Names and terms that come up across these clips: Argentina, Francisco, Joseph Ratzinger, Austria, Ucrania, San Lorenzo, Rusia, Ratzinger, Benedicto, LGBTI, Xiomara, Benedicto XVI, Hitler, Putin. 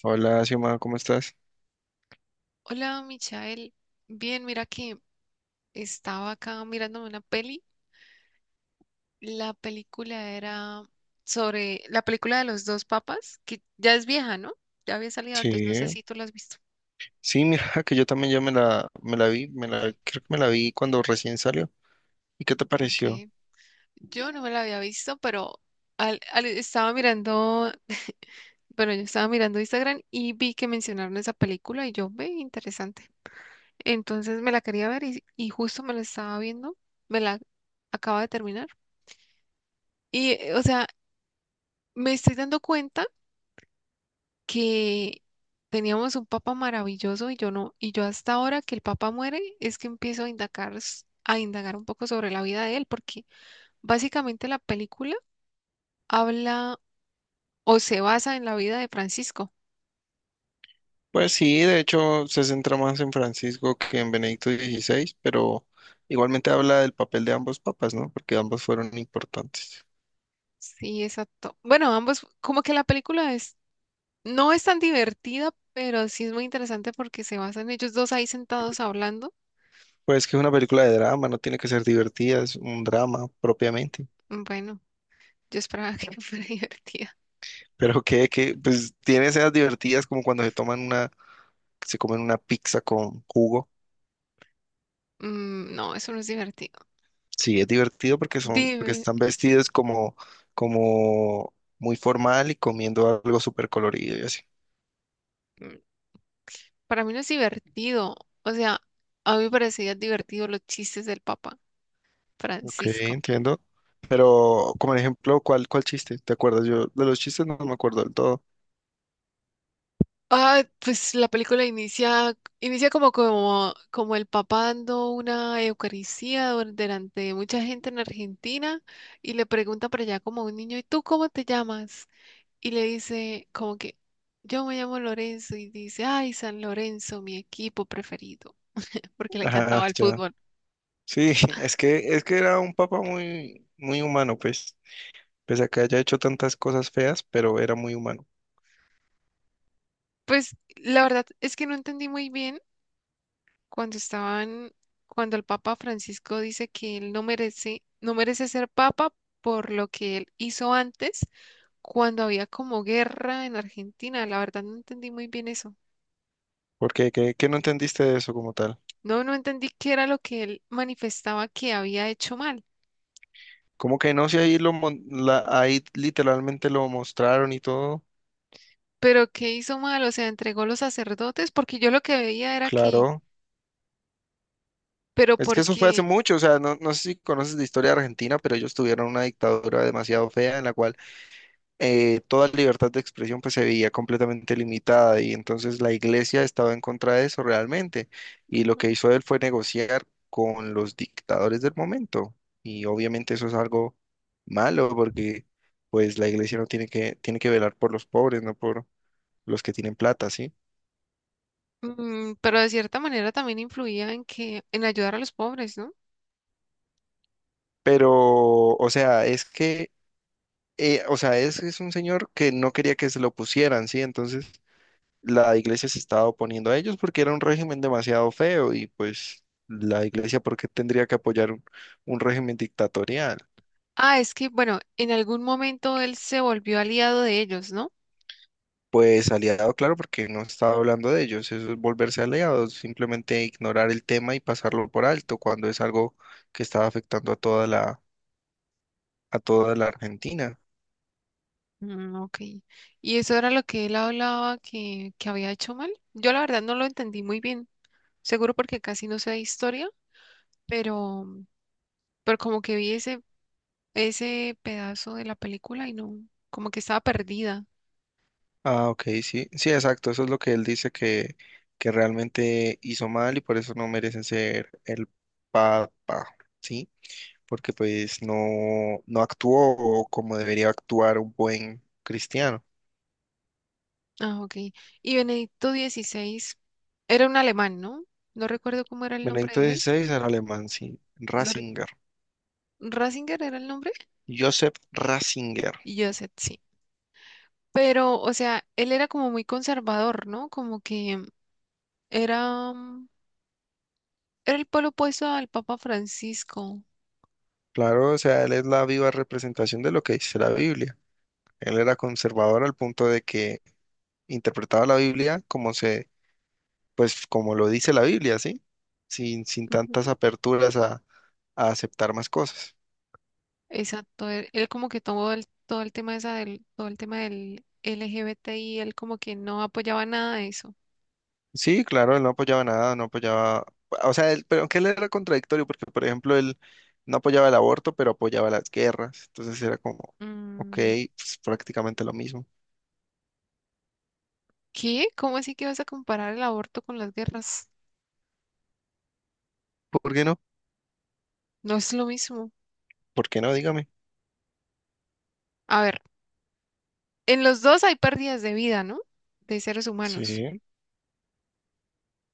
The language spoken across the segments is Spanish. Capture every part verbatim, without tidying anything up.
Hola, Xiomara, ¿cómo estás? Hola, Michael. Bien, mira que estaba acá mirándome una peli. La película era sobre la película de los dos papas, que ya es vieja, ¿no? Ya había salido antes, no sé Sí, si tú la has visto. sí, mira, que yo también ya me la, me la vi, me la, creo que me la vi cuando recién salió. ¿Y qué te pareció? Okay. Yo no me la había visto, pero al- al- estaba mirando, bueno, yo estaba mirando Instagram y vi que mencionaron esa película y yo, ve, interesante. Entonces me la quería ver y, y justo me la estaba viendo, me la acaba de terminar. Y, eh, o sea, me estoy dando cuenta que teníamos un papa maravilloso y yo no, y yo hasta ahora que el papa muere es que empiezo a indagar, s- a indagar un poco sobre la vida de él, porque básicamente la película habla o se basa en la vida de Francisco. Pues sí, de hecho se centra más en Francisco que en Benedicto dieciséis, pero igualmente habla del papel de ambos papas, ¿no? Porque ambos fueron importantes. Sí, exacto. Bueno, ambos, como que la película es, no es tan divertida, pero sí es muy interesante porque se basa en ellos dos ahí sentados hablando. Pues que es una película de drama, no tiene que ser divertida, es un drama propiamente. Bueno, yo esperaba que fuera divertida. Pero que, que, pues tiene escenas divertidas como cuando se toman una, se comen una pizza con jugo. Mm, no, eso no es divertido. Sí, es divertido porque son, porque Dime. están vestidos como, como muy formal y comiendo algo súper colorido y así. Para mí no es divertido. O sea, a mí me parecía divertido los chistes del Papa Ok, Francisco. entiendo. Pero, como ejemplo, ¿cuál, cuál chiste? ¿Te acuerdas? Yo de los chistes no me acuerdo del todo. Ah, pues la película inicia, inicia como, como, como el Papa dando una Eucaristía dur- delante de mucha gente en Argentina y le pregunta por allá como a un niño, ¿y tú cómo te llamas? Y le dice como que yo me llamo Lorenzo y dice, ay, San Lorenzo, mi equipo preferido, porque le Ah, encantaba el ya. fútbol. Sí, es que, es que era un papá muy, muy humano, pues. Pese a que haya hecho tantas cosas feas, pero era muy humano. Pues la verdad es que no entendí muy bien cuando estaban, cuando el Papa Francisco dice que él no merece, no merece ser papa por lo que él hizo antes, cuando había como guerra en Argentina. La verdad no entendí muy bien eso. ¿Por qué? ¿Qué, qué no entendiste de eso como tal? No, no entendí qué era lo que él manifestaba que había hecho mal, Como que no, si ahí lo mon- la- ahí literalmente lo mostraron y todo. pero qué hizo mal, o sea, entregó los sacerdotes, porque yo lo que veía era que, Claro. pero Es que eso fue hace porque, mucho, o sea, no, no sé si conoces la historia de Argentina, pero ellos tuvieron una dictadura demasiado fea en la cual eh, toda libertad de expresión pues se veía completamente limitada y entonces la iglesia estaba en contra de eso realmente y lo ujú, que hizo él fue negociar con los dictadores del momento y obviamente eso es algo malo porque pues la iglesia no tiene que, tiene que velar por los pobres, no por los que tienen plata, ¿sí? mm, pero de cierta manera también influía en que, en ayudar a los pobres, ¿no? Pero, o sea, es que eh, o sea, es, es un señor que no quería que se lo pusieran, ¿sí? Entonces la iglesia se estaba oponiendo a ellos porque era un régimen demasiado feo y pues la iglesia, ¿por qué tendría que apoyar un, un régimen dictatorial? Ah, es que, bueno, en algún momento él se volvió aliado de ellos, ¿no? Pues aliado, claro, porque no estaba hablando de ellos, eso es volverse aliado simplemente ignorar el tema y pasarlo por alto cuando es algo que estaba afectando a toda la, a toda la Argentina. Mm, ok. ¿Y eso era lo que él hablaba que, que había hecho mal? Yo la verdad no lo entendí muy bien, seguro porque casi no sé de historia, pero, pero como que vi ese, ese pedazo de la película y no, como que estaba perdida. Ah, ok, sí, sí, exacto, eso es lo que él dice que, que realmente hizo mal y por eso no merecen ser el papa, ¿sí? Porque pues no, no actuó como debería actuar un buen cristiano. Ah, ok. Y Benedicto dieciséis era un alemán, ¿no? No recuerdo cómo era el nombre Benedicto de él. dieciséis era alemán, sí, No, re- Ratzinger, ¿Ratzinger era el nombre? Joseph Ratzinger. Y yo sí. Pero, o sea, él era como muy conservador, ¿no? Como que era, mm, era el polo opuesto al Papa Francisco. Claro, o sea, él es la viva representación de lo que dice la Biblia. Él era conservador al punto de que interpretaba la Biblia como se pues como lo dice la Biblia, ¿sí? Sin, sin tantas Ujú. aperturas a, a aceptar más cosas. Exacto. Él, él como que tomó el, todo el tema esa del, todo el tema del L G B T I, él como que no apoyaba nada de eso. Sí, claro, él no apoyaba nada, no apoyaba, o sea, él- pero aunque él era contradictorio, porque por ejemplo, él no apoyaba el aborto, pero apoyaba las guerras, entonces era como, ok, Mm, pues prácticamente lo mismo. ¿qué? ¿Cómo así que vas a comparar el aborto con las guerras? ¿Por qué no? No es lo mismo. ¿Por qué no? Dígame. A ver, en los dos hay pérdidas de vida, ¿no? De seres Sí, humanos.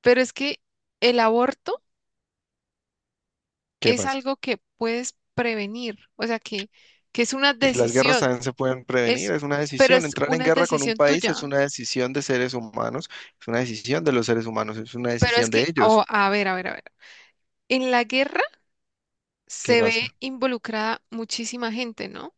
Pero es que el aborto ¿qué es pasa? algo que puedes prevenir, o sea, que, que es una Y las guerras decisión, también se pueden prevenir, es, es una pero decisión. es Entrar en una guerra con un decisión país es tuya. una decisión de seres humanos, es una decisión de los seres humanos, es una Pero es decisión que, de ellos. oh, a ver, a ver, a ver. En la guerra ¿Qué se ve pasa? involucrada muchísima gente, ¿no?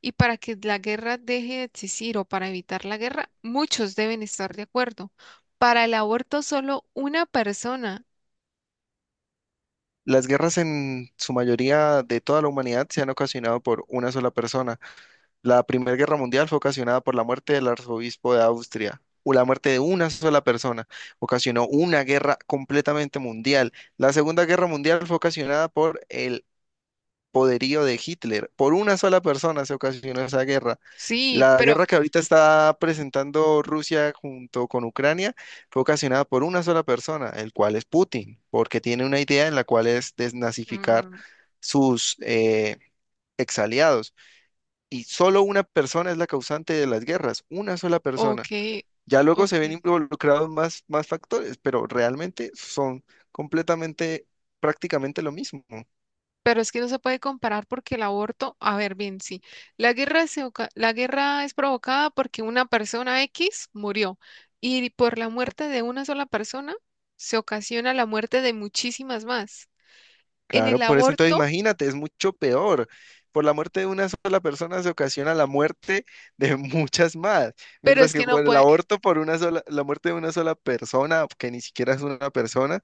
Y para que la guerra deje de existir o para evitar la guerra, muchos deben estar de acuerdo. Para el aborto, solo una persona. Las guerras en su mayoría de toda la humanidad se han ocasionado por una sola persona. La Primera Guerra Mundial fue ocasionada por la muerte del arzobispo de Austria, o la muerte de una sola persona. Ocasionó una guerra completamente mundial. La Segunda Guerra Mundial fue ocasionada por el poderío de Hitler. Por una sola persona se ocasionó esa guerra. Sí, La pero, guerra que ahorita está presentando Rusia junto con Ucrania fue ocasionada por una sola persona, el cual es Putin, porque tiene una idea en la cual es desnazificar mm, sus eh, exaliados. Y solo una persona es la causante de las guerras, una sola ok, persona. Ya luego ok. se ven involucrados más, más factores, pero realmente son completamente, prácticamente lo mismo. Pero es que no se puede comparar porque el aborto, a ver, bien, sí, la guerra es, oca- la guerra es provocada porque una persona X murió y por la muerte de una sola persona se ocasiona la muerte de muchísimas más. En Claro, el por eso entonces aborto, imagínate, es mucho peor. Por la muerte de una sola persona se ocasiona la muerte de muchas más, pero mientras es que que no con el puede, aborto por una sola, la muerte de una sola persona, que ni siquiera es una persona,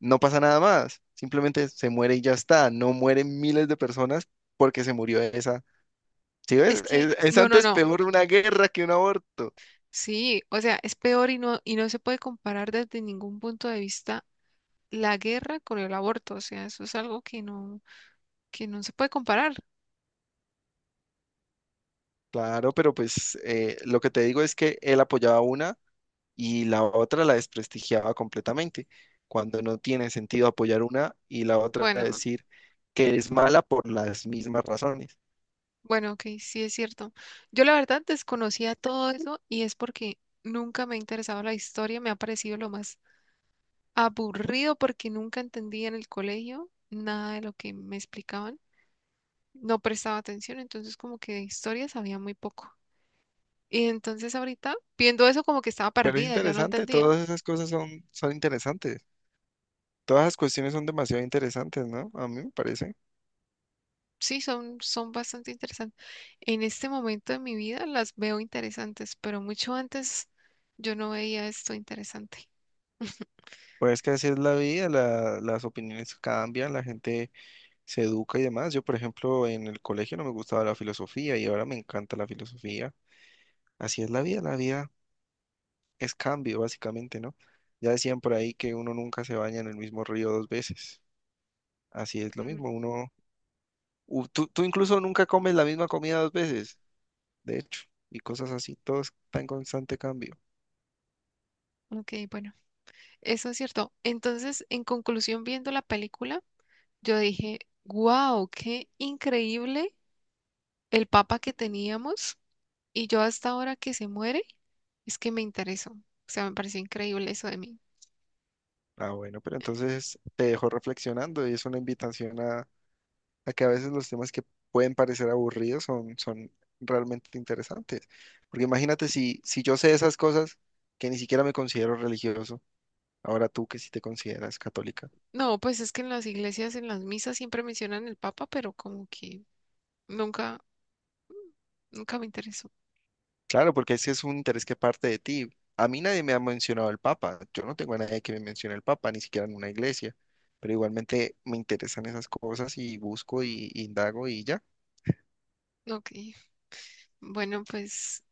no pasa nada más. Simplemente se muere y ya está. No mueren miles de personas porque se murió esa. ¿Sí es ves? que, Es, es no, no, antes no, peor una guerra que un aborto. sí, o sea, es peor y no, y no se puede comparar desde ningún punto de vista la guerra con el aborto, o sea, eso es algo que no, que no se puede comparar. Claro, pero pues eh, lo que te digo es que él apoyaba una. Y la otra la desprestigiaba completamente, cuando no tiene sentido apoyar una y la otra Bueno, decir que es mala por las mismas razones. Bueno, ok, sí es cierto. Yo la verdad desconocía todo eso y es porque nunca me ha interesado la historia, me ha parecido lo más aburrido porque nunca entendía en el colegio nada de lo que me explicaban, no prestaba atención, entonces como que de historia sabía muy poco. Y entonces ahorita viendo eso como que estaba Pero es perdida, yo no interesante, entendía. todas esas cosas son, son interesantes. Todas las cuestiones son demasiado interesantes, ¿no? A mí me parece. Sí, son, son bastante interesantes. En este momento de mi vida las veo interesantes, pero mucho antes yo no veía esto interesante. Pues es que así es la vida, la- las opiniones cambian, la gente se educa y demás. Yo, por ejemplo, en el colegio no me gustaba la filosofía y ahora me encanta la filosofía. Así es la vida, la vida es cambio, básicamente, ¿no? Ya decían por ahí que uno nunca se baña en el mismo río dos veces. Así es lo Mm, mismo, uno, u- tú, tú incluso nunca comes la misma comida dos veces, de hecho, y cosas así, todo está en constante cambio. ok, bueno. Eso es cierto. Entonces, en conclusión, viendo la película, yo dije, wow, qué increíble el papa que teníamos. Y yo hasta ahora que se muere, es que me interesó. O sea, me pareció increíble eso de mí. Ah, bueno, pero entonces te dejo reflexionando y es una invitación a, a que a veces los temas que pueden parecer aburridos son, son realmente interesantes. Porque imagínate si, si yo sé esas cosas que ni siquiera me considero religioso, ahora tú que si te consideras católica. No, pues es que en las iglesias, en las misas siempre mencionan el papa, pero como que nunca, nunca me interesó. Claro, porque ese es un interés que parte de ti. A mí nadie me ha mencionado el Papa. Yo no tengo a nadie que me mencione el Papa, ni siquiera en una iglesia. Pero igualmente me interesan esas cosas y busco y, y indago y ya. Ok, bueno, pues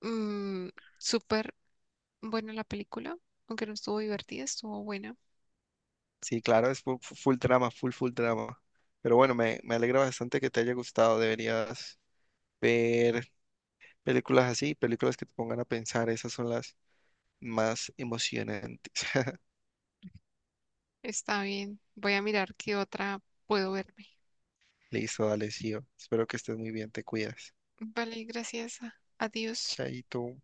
mm, súper. Bueno, la película, aunque no estuvo divertida, estuvo buena. Sí, claro, es full, full drama, full, full drama. Pero bueno, me, me alegra bastante que te haya gustado. Deberías ver películas así, películas que te pongan a pensar. Esas son las más emocionantes. Está bien. Voy a mirar qué otra puedo verme. Listo, dale, sí. Espero que estés muy bien, te cuidas. Vale, gracias. Adiós. Chaito.